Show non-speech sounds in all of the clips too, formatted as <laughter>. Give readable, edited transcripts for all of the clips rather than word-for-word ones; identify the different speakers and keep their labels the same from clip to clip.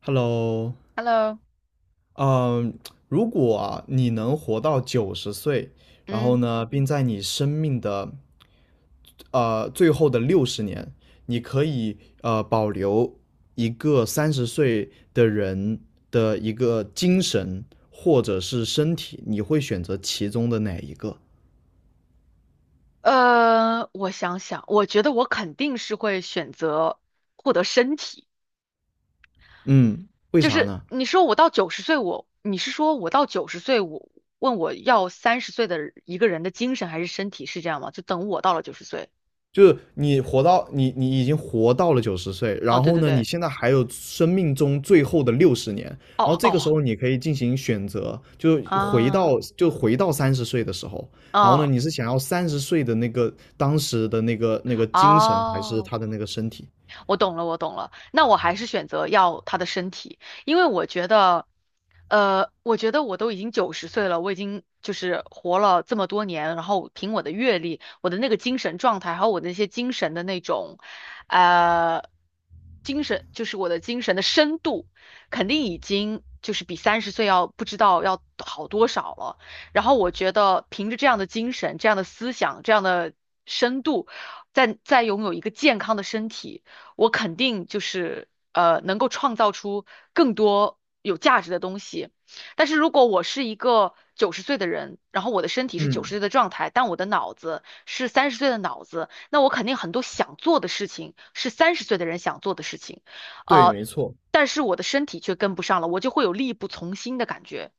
Speaker 1: Hello，
Speaker 2: Hello，
Speaker 1: 嗯，如果啊你能活到九十岁，然后
Speaker 2: 嗯，
Speaker 1: 呢，并在你生命的最后的六十年，你可以保留一个三十岁的人的一个精神或者是身体，你会选择其中的哪一个？
Speaker 2: 我想想，我觉得我肯定是会选择获得身体。
Speaker 1: 嗯，为啥呢？
Speaker 2: 你是说我到九十岁我问我要三十岁的人一个人的精神还是身体是这样吗？就等我到了九十岁。
Speaker 1: 就是你已经活到了九十岁，
Speaker 2: 哦，
Speaker 1: 然
Speaker 2: 对
Speaker 1: 后
Speaker 2: 对
Speaker 1: 呢，你
Speaker 2: 对，
Speaker 1: 现在还有生命中最后的六十年，
Speaker 2: 哦
Speaker 1: 然后这个时
Speaker 2: 哦
Speaker 1: 候你可以进行选择，就回
Speaker 2: 啊
Speaker 1: 到就回到三十岁的时候，然后呢，
Speaker 2: 啊
Speaker 1: 你是想要三十岁的那个当时的那个精神，还是
Speaker 2: 哦，
Speaker 1: 他的那个身体？
Speaker 2: 我懂了，我懂了。那我还是选择要他的身体，因为我觉得我都已经九十岁了，我已经就是活了这么多年，然后凭我的阅历、我的那个精神状态，还有我的那些精神的那种，呃，精神就是我的精神的深度，肯定已经就是比三十岁要不知道要好多少了。然后我觉得凭着这样的精神、这样的思想、这样的深度，再拥有一个健康的身体。我肯定就是能够创造出更多有价值的东西。但是如果我是一个九十岁的人，然后我的身体是九十
Speaker 1: 嗯，
Speaker 2: 岁的状态，但我的脑子是三十岁的脑子，那我肯定很多想做的事情是三十岁的人想做的事情，
Speaker 1: 对，
Speaker 2: 呃，
Speaker 1: 没错。
Speaker 2: 但是我的身体却跟不上了，我就会有力不从心的感觉，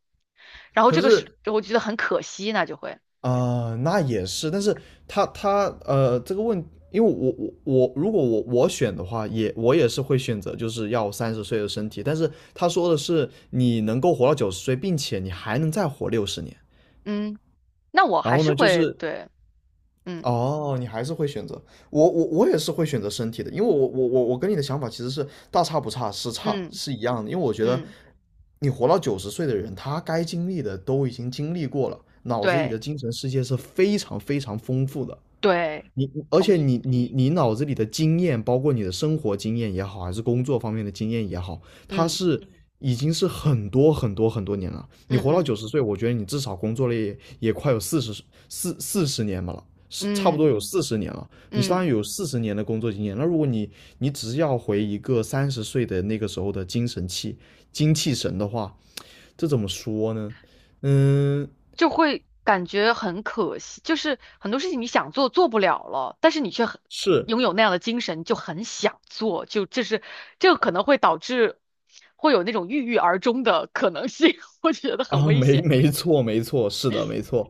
Speaker 2: 然后
Speaker 1: 可
Speaker 2: 这个是
Speaker 1: 是
Speaker 2: 我觉得很可惜，那就会，
Speaker 1: 啊、那也是，但是他他呃，这个问，因为我我我，如果我选的话，也也是会选择就是要三十岁的身体，但是他说的是你能够活到九十岁，并且你还能再活六十年，
Speaker 2: 嗯，那我
Speaker 1: 然
Speaker 2: 还
Speaker 1: 后
Speaker 2: 是
Speaker 1: 呢，就
Speaker 2: 会
Speaker 1: 是
Speaker 2: 对，嗯
Speaker 1: 哦，你还是会选择我也是会选择身体的，因为我跟你的想法其实是大差不差，
Speaker 2: 嗯
Speaker 1: 是一样的，因为我觉得
Speaker 2: 嗯，
Speaker 1: 你活到九十岁的人，他该经历的都已经经历过了，脑子里的
Speaker 2: 对
Speaker 1: 精神世界是非常非常丰富的。
Speaker 2: 对，
Speaker 1: 你而
Speaker 2: 同
Speaker 1: 且
Speaker 2: 意。
Speaker 1: 你你你脑子里的经验，包括你的生活经验也好，还是工作方面的经验也好，它
Speaker 2: 嗯
Speaker 1: 是嗯已经是很多很多很多年了。你
Speaker 2: 嗯
Speaker 1: 活到九
Speaker 2: 嗯
Speaker 1: 十岁，我觉得你至少工作了也快有四十年吧了，是差不多
Speaker 2: 嗯
Speaker 1: 有四十年了。你相当于
Speaker 2: 嗯，
Speaker 1: 有四十年的工作经验。那如果你只是要回一个三十岁的那个时候的精气神的话，这怎么说呢？嗯，
Speaker 2: 就会感觉很可惜，就是很多事情你想做做不了了，但是你却很
Speaker 1: 是
Speaker 2: 拥有那样的精神，就很想做，就这是这个可能会导致会有那种郁郁而终的可能性，<laughs> 我觉得很
Speaker 1: 啊，
Speaker 2: 危险。
Speaker 1: 没错没错，是的，没错。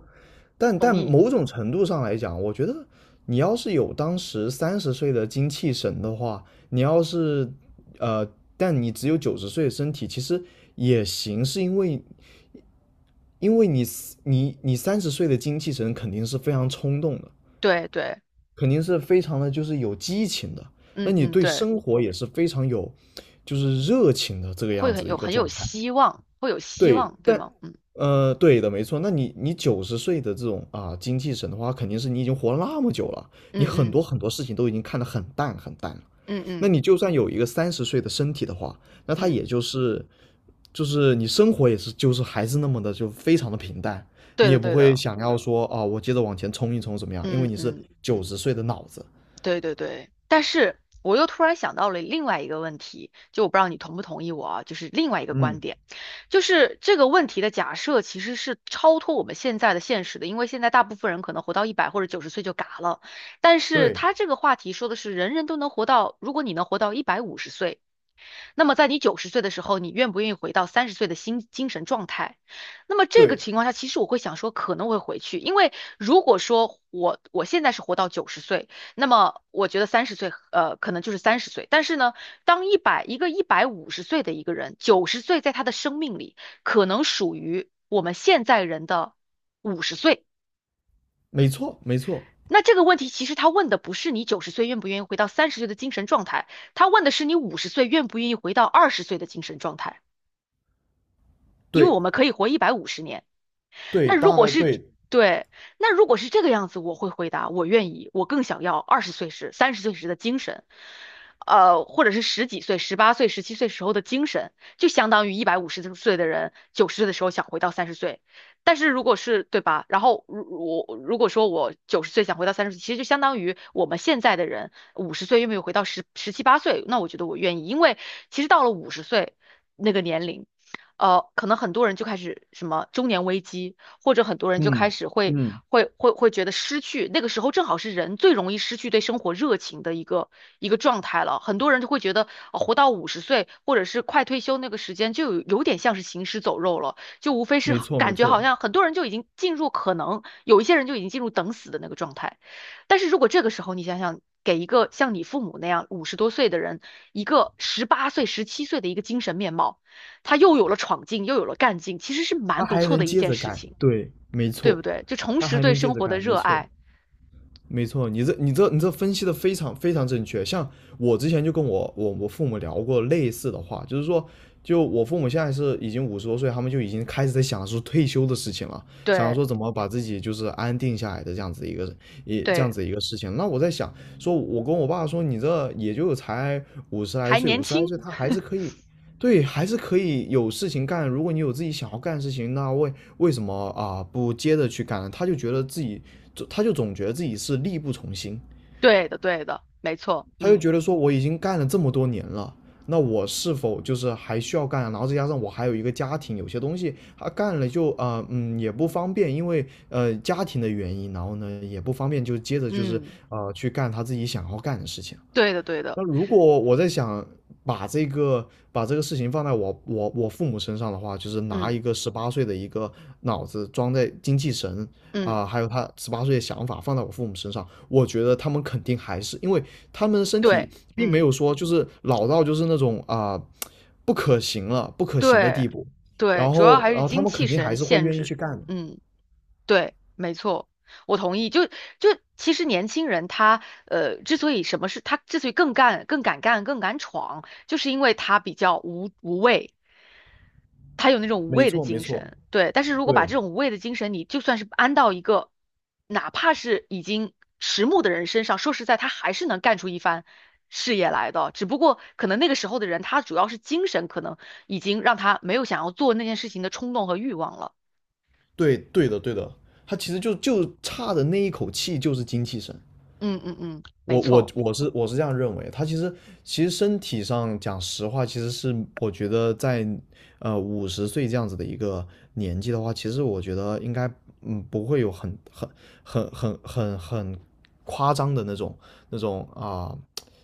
Speaker 1: 但某种程度上来讲，我觉得你要是有当时三十岁的精气神的话，你要是呃，但你只有九十岁的身体，其实也行，是因为你三十岁的精气神肯定是非常冲动的，
Speaker 2: 对对，
Speaker 1: 肯定是非常的就是有激情的，那
Speaker 2: 嗯
Speaker 1: 你
Speaker 2: 嗯
Speaker 1: 对
Speaker 2: 对，
Speaker 1: 生活也是非常有就是热情的这个
Speaker 2: 会
Speaker 1: 样
Speaker 2: 很
Speaker 1: 子的一
Speaker 2: 有
Speaker 1: 个
Speaker 2: 很有
Speaker 1: 状态。
Speaker 2: 希望，会有希
Speaker 1: 对，
Speaker 2: 望，对吗？嗯
Speaker 1: 对的，没错。那你九十岁的这种啊精气神的话，肯定是你已经活了那么久了，你很
Speaker 2: 嗯嗯
Speaker 1: 多很多事情都已经看得很淡很淡了。
Speaker 2: 嗯
Speaker 1: 那
Speaker 2: 嗯
Speaker 1: 你就算有一个三十岁的身体的话，那他
Speaker 2: 嗯，
Speaker 1: 也就是就是你生活也是就是还是那么的就非常的平淡，你
Speaker 2: 对
Speaker 1: 也
Speaker 2: 的
Speaker 1: 不
Speaker 2: 对
Speaker 1: 会
Speaker 2: 的，
Speaker 1: 想要说啊我接着往前冲一冲怎么样，因为
Speaker 2: 嗯
Speaker 1: 你是
Speaker 2: 嗯。
Speaker 1: 九十岁的脑子。
Speaker 2: 对对对，但是我又突然想到了另外一个问题，就我不知道你同不同意我啊，就是另外一个观
Speaker 1: 嗯，
Speaker 2: 点，就是这个问题的假设其实是超脱我们现在的现实的，因为现在大部分人可能活到一百或者九十岁就嘎了，但是
Speaker 1: 对
Speaker 2: 他这个话题说的是人人都能活到，如果你能活到一百五十岁，那么在你九十岁的时候，你愿不愿意回到三十岁的精神状态？那么这个
Speaker 1: 对，
Speaker 2: 情况下，其实我会想说可能会回去，因为如果说我现在是活到九十岁。那么我觉得三十岁，可能就是三十岁。但是呢，当一个一百五十岁的一个人，九十岁在他的生命里，可能属于我们现在人的五十岁。
Speaker 1: 没错没错，
Speaker 2: 那这个问题其实他问的不是你九十岁愿不愿意回到三十岁的精神状态，他问的是你五十岁愿不愿意回到二十岁的精神状态。因为我
Speaker 1: 对
Speaker 2: 们可以活150年，
Speaker 1: 对，
Speaker 2: 那如
Speaker 1: 大
Speaker 2: 果
Speaker 1: 概
Speaker 2: 是
Speaker 1: 对，
Speaker 2: 对，那如果是这个样子，我会回答我愿意，我更想要二十岁时、三十岁时的精神，或者是十几岁、十八岁、十七岁时候的精神，就相当于一百五十岁的人九十岁的时候想回到三十岁。但是如果是对吧？然后我如果说我九十岁想回到三十岁，其实就相当于我们现在的人五十岁又没有回到十七八岁，那我觉得我愿意，因为其实到了五十岁那个年龄。可能很多人就开始什么中年危机，或者很多人就开
Speaker 1: 嗯
Speaker 2: 始会
Speaker 1: 嗯，
Speaker 2: 会会会觉得失去，那个时候正好是人最容易失去对生活热情的一个一个状态了。很多人就会觉得，活到五十岁或者是快退休那个时间，就有点像是行尸走肉了，就无非是
Speaker 1: 没
Speaker 2: 好
Speaker 1: 错没
Speaker 2: 感觉好
Speaker 1: 错。
Speaker 2: 像很多人就已经进入可能有一些人就已经进入等死的那个状态。但是如果这个时候你想想，给一个像你父母那样50多岁的人一个十八岁、十七岁的一个精神面貌。他又有了闯劲，又有了干劲，其实是
Speaker 1: 他
Speaker 2: 蛮不
Speaker 1: 还
Speaker 2: 错的
Speaker 1: 能
Speaker 2: 一
Speaker 1: 接
Speaker 2: 件
Speaker 1: 着
Speaker 2: 事
Speaker 1: 干，
Speaker 2: 情，
Speaker 1: 对，没
Speaker 2: 对
Speaker 1: 错，
Speaker 2: 不对？就重
Speaker 1: 他
Speaker 2: 拾
Speaker 1: 还
Speaker 2: 对
Speaker 1: 能接
Speaker 2: 生
Speaker 1: 着
Speaker 2: 活的
Speaker 1: 干，没
Speaker 2: 热
Speaker 1: 错，
Speaker 2: 爱，
Speaker 1: 没错，你这分析的非常非常正确。像我之前就跟我父母聊过类似的话，就是说，就我父母现在是已经50多岁，他们就已经开始在想说退休的事情了，想
Speaker 2: 对
Speaker 1: 说怎么把自己就是安定下来的这样
Speaker 2: 对，
Speaker 1: 子一个事情。那我在想，说我跟我爸说，你这也就才五十来
Speaker 2: 还
Speaker 1: 岁，
Speaker 2: 年
Speaker 1: 五十来
Speaker 2: 轻，
Speaker 1: 岁他还是可
Speaker 2: <laughs>
Speaker 1: 以对，还是可以有事情干。如果你有自己想要干的事情，那为什么啊、不接着去干呢他就总觉得自己是力不从心，
Speaker 2: 对的对的，没错，
Speaker 1: 他就
Speaker 2: 嗯
Speaker 1: 觉得说我已经干了这么多年了，那我是否就是还需要干啊然后再加上我还有一个家庭，有些东西他干了就啊、也不方便，因为家庭的原因，然后呢也不方便就接着就是
Speaker 2: 嗯，
Speaker 1: 去干他自己想要干的事情。
Speaker 2: 对的对的，
Speaker 1: 那如果我在想把这个把这个事情放在我父母身上的话，就是拿
Speaker 2: 嗯
Speaker 1: 一个十八岁的一个脑子装在精气神
Speaker 2: 嗯，
Speaker 1: 啊、还有他十八岁的想法放在我父母身上，我觉得他们肯定还是因为他们的身
Speaker 2: 对，
Speaker 1: 体并没
Speaker 2: 嗯
Speaker 1: 有说就是老到就是那种啊、不可行的
Speaker 2: 对
Speaker 1: 地步，
Speaker 2: 对，主要还
Speaker 1: 然
Speaker 2: 是
Speaker 1: 后他
Speaker 2: 精
Speaker 1: 们
Speaker 2: 气
Speaker 1: 肯定
Speaker 2: 神
Speaker 1: 还是会
Speaker 2: 限
Speaker 1: 愿意
Speaker 2: 制，
Speaker 1: 去干的。
Speaker 2: 嗯，对，没错。我同意，就其实年轻人他之所以更干、更敢干、更敢闯，就是因为他比较无畏，他有那种无
Speaker 1: 没
Speaker 2: 畏的
Speaker 1: 错，没
Speaker 2: 精
Speaker 1: 错，
Speaker 2: 神，对。但是如果把
Speaker 1: 对，
Speaker 2: 这种无畏的精神，你就算是安到一个，哪怕是已经迟暮的人身上，说实在，他还是能干出一番事业来的。只不过可能那个时候的人，他主要是精神可能已经让他没有想要做那件事情的冲动和欲望了。
Speaker 1: 对，对的对的，他其实就差的那一口气就是精气神。
Speaker 2: 嗯嗯嗯，没错。
Speaker 1: 我是这样认为，他其实身体上讲实话，其实是我觉得在50岁这样子的一个年纪的话，其实我觉得应该不会有很夸张的那种啊、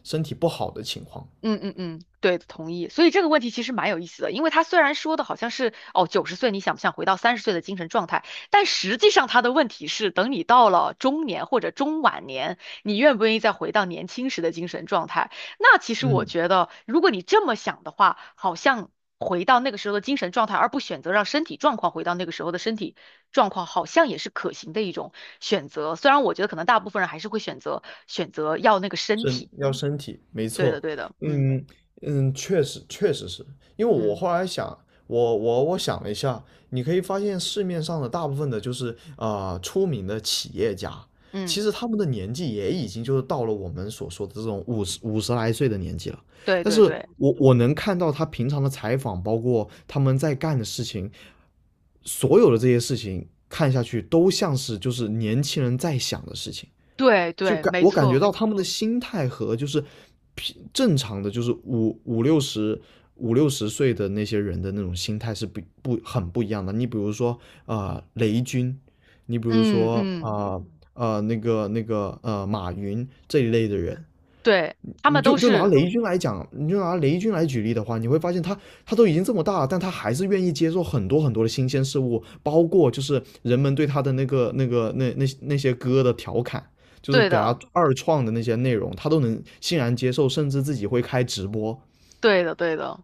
Speaker 1: 身体不好的情况。
Speaker 2: 嗯嗯嗯，对，同意。所以这个问题其实蛮有意思的，因为他虽然说的好像是哦，九十岁你想不想回到三十岁的精神状态，但实际上他的问题是，等你到了中年或者中晚年，你愿不愿意再回到年轻时的精神状态？那其实我
Speaker 1: 嗯。
Speaker 2: 觉得，如果你这么想的话，好像回到那个时候的精神状态，而不选择让身体状况回到那个时候的身体状况，好像也是可行的一种选择。虽然我觉得可能大部分人还是会选择要那个身体。
Speaker 1: 身体，没
Speaker 2: 对的，
Speaker 1: 错，
Speaker 2: 对的，嗯
Speaker 1: 嗯嗯，确实确实是因为我
Speaker 2: 嗯。
Speaker 1: 后来想，我想了一下，你可以发现市面上的大部分的就是出名的企业家，其
Speaker 2: 嗯，
Speaker 1: 实他们的年纪也已经就是到了我们所说的这种五十来岁的年纪了，
Speaker 2: 对
Speaker 1: 但
Speaker 2: 对
Speaker 1: 是
Speaker 2: 对
Speaker 1: 我能看到他平常的采访，包括他们在干的事情，所有的这些事情看下去都像是就是年轻人在想的事情。
Speaker 2: 对对，没
Speaker 1: 我感觉
Speaker 2: 错，
Speaker 1: 到他们的心态和就是正常的，就是五六十岁的那些人的那种心态是不不很不一样的。你比如说啊、雷军，你比如
Speaker 2: 嗯
Speaker 1: 说啊
Speaker 2: 嗯，
Speaker 1: 那个马云这一类的人，
Speaker 2: 对，他
Speaker 1: 你
Speaker 2: 们都
Speaker 1: 就拿
Speaker 2: 是
Speaker 1: 雷军来讲，你就拿雷军来举例的话，你会发现他都已经这么大了，但他还是愿意接受很多很多的新鲜事物，包括就是人们对他的那些歌的调侃，就是
Speaker 2: 对
Speaker 1: 给
Speaker 2: 的，
Speaker 1: 他二创的那些内容，他都能欣然接受，甚至自己会开直播，
Speaker 2: 对的对的，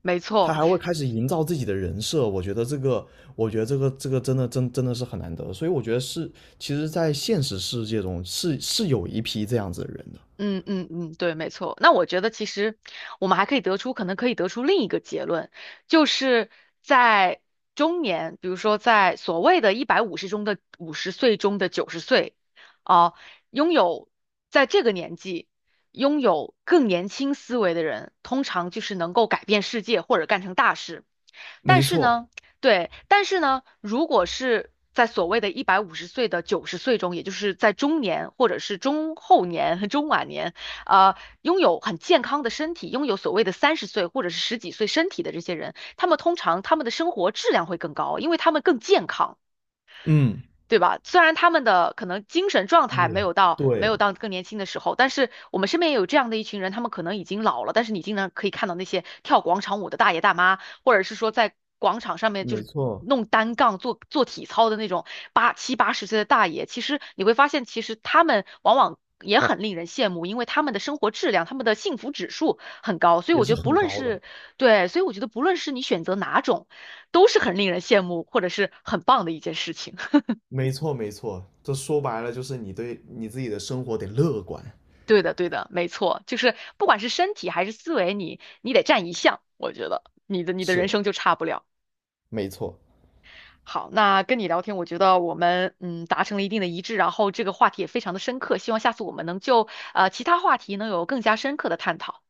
Speaker 2: 没
Speaker 1: 他
Speaker 2: 错。
Speaker 1: 还会开始营造自己的人设。我觉得这个真的是很难得，所以我觉得是，其实，在现实世界中是有一批这样子的人的，
Speaker 2: 嗯嗯嗯，对，没错。那我觉得其实我们还可以得出，可能可以得出另一个结论，就是在中年，比如说在所谓的一百五十中的五十岁中的九十岁，啊、拥有在这个年纪拥有更年轻思维的人，通常就是能够改变世界或者干成大事。但
Speaker 1: 没
Speaker 2: 是
Speaker 1: 错，
Speaker 2: 呢，对，但是呢，如果是在所谓的一百五十岁的九十岁中，也就是在中年或者是中后年、<laughs> 和中晚年，呃，拥有很健康的身体，拥有所谓的三十岁或者是十几岁身体的这些人，他们通常他们的生活质量会更高，因为他们更健康。
Speaker 1: 嗯，
Speaker 2: 对吧？虽然他们的可能精神状态没
Speaker 1: 也
Speaker 2: 有到没
Speaker 1: 对。
Speaker 2: 有到更年轻的时候，但是我们身边也有这样的一群人，他们可能已经老了，但是你经常可以看到那些跳广场舞的大爷大妈，或者是说在广场上面就
Speaker 1: 没
Speaker 2: 是
Speaker 1: 错，
Speaker 2: 弄单杠做做体操的那种八十岁的大爷，其实你会发现，其实他们往往也很令人羡慕，因为他们的生活质量、他们的幸福指数很高，所以
Speaker 1: 也
Speaker 2: 我觉
Speaker 1: 是
Speaker 2: 得不
Speaker 1: 很
Speaker 2: 论
Speaker 1: 高的。
Speaker 2: 是对，所以我觉得不论是你选择哪种，都是很令人羡慕或者是很棒的一件事情。
Speaker 1: 没错，没错，这说白了就是你对你自己的生活得乐观。
Speaker 2: 对的，对的，没错，就是不管是身体还是思维，你得占一项，我觉得你的人
Speaker 1: 是，
Speaker 2: 生就差不了。
Speaker 1: 没错。
Speaker 2: 好，那跟你聊天，我觉得我们达成了一定的一致，然后这个话题也非常的深刻，希望下次我们能就其他话题能有更加深刻的探讨。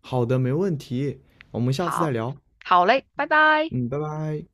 Speaker 1: 好的，没问题，我们下次再
Speaker 2: 好，
Speaker 1: 聊。
Speaker 2: 好嘞，拜拜。
Speaker 1: 嗯，拜拜。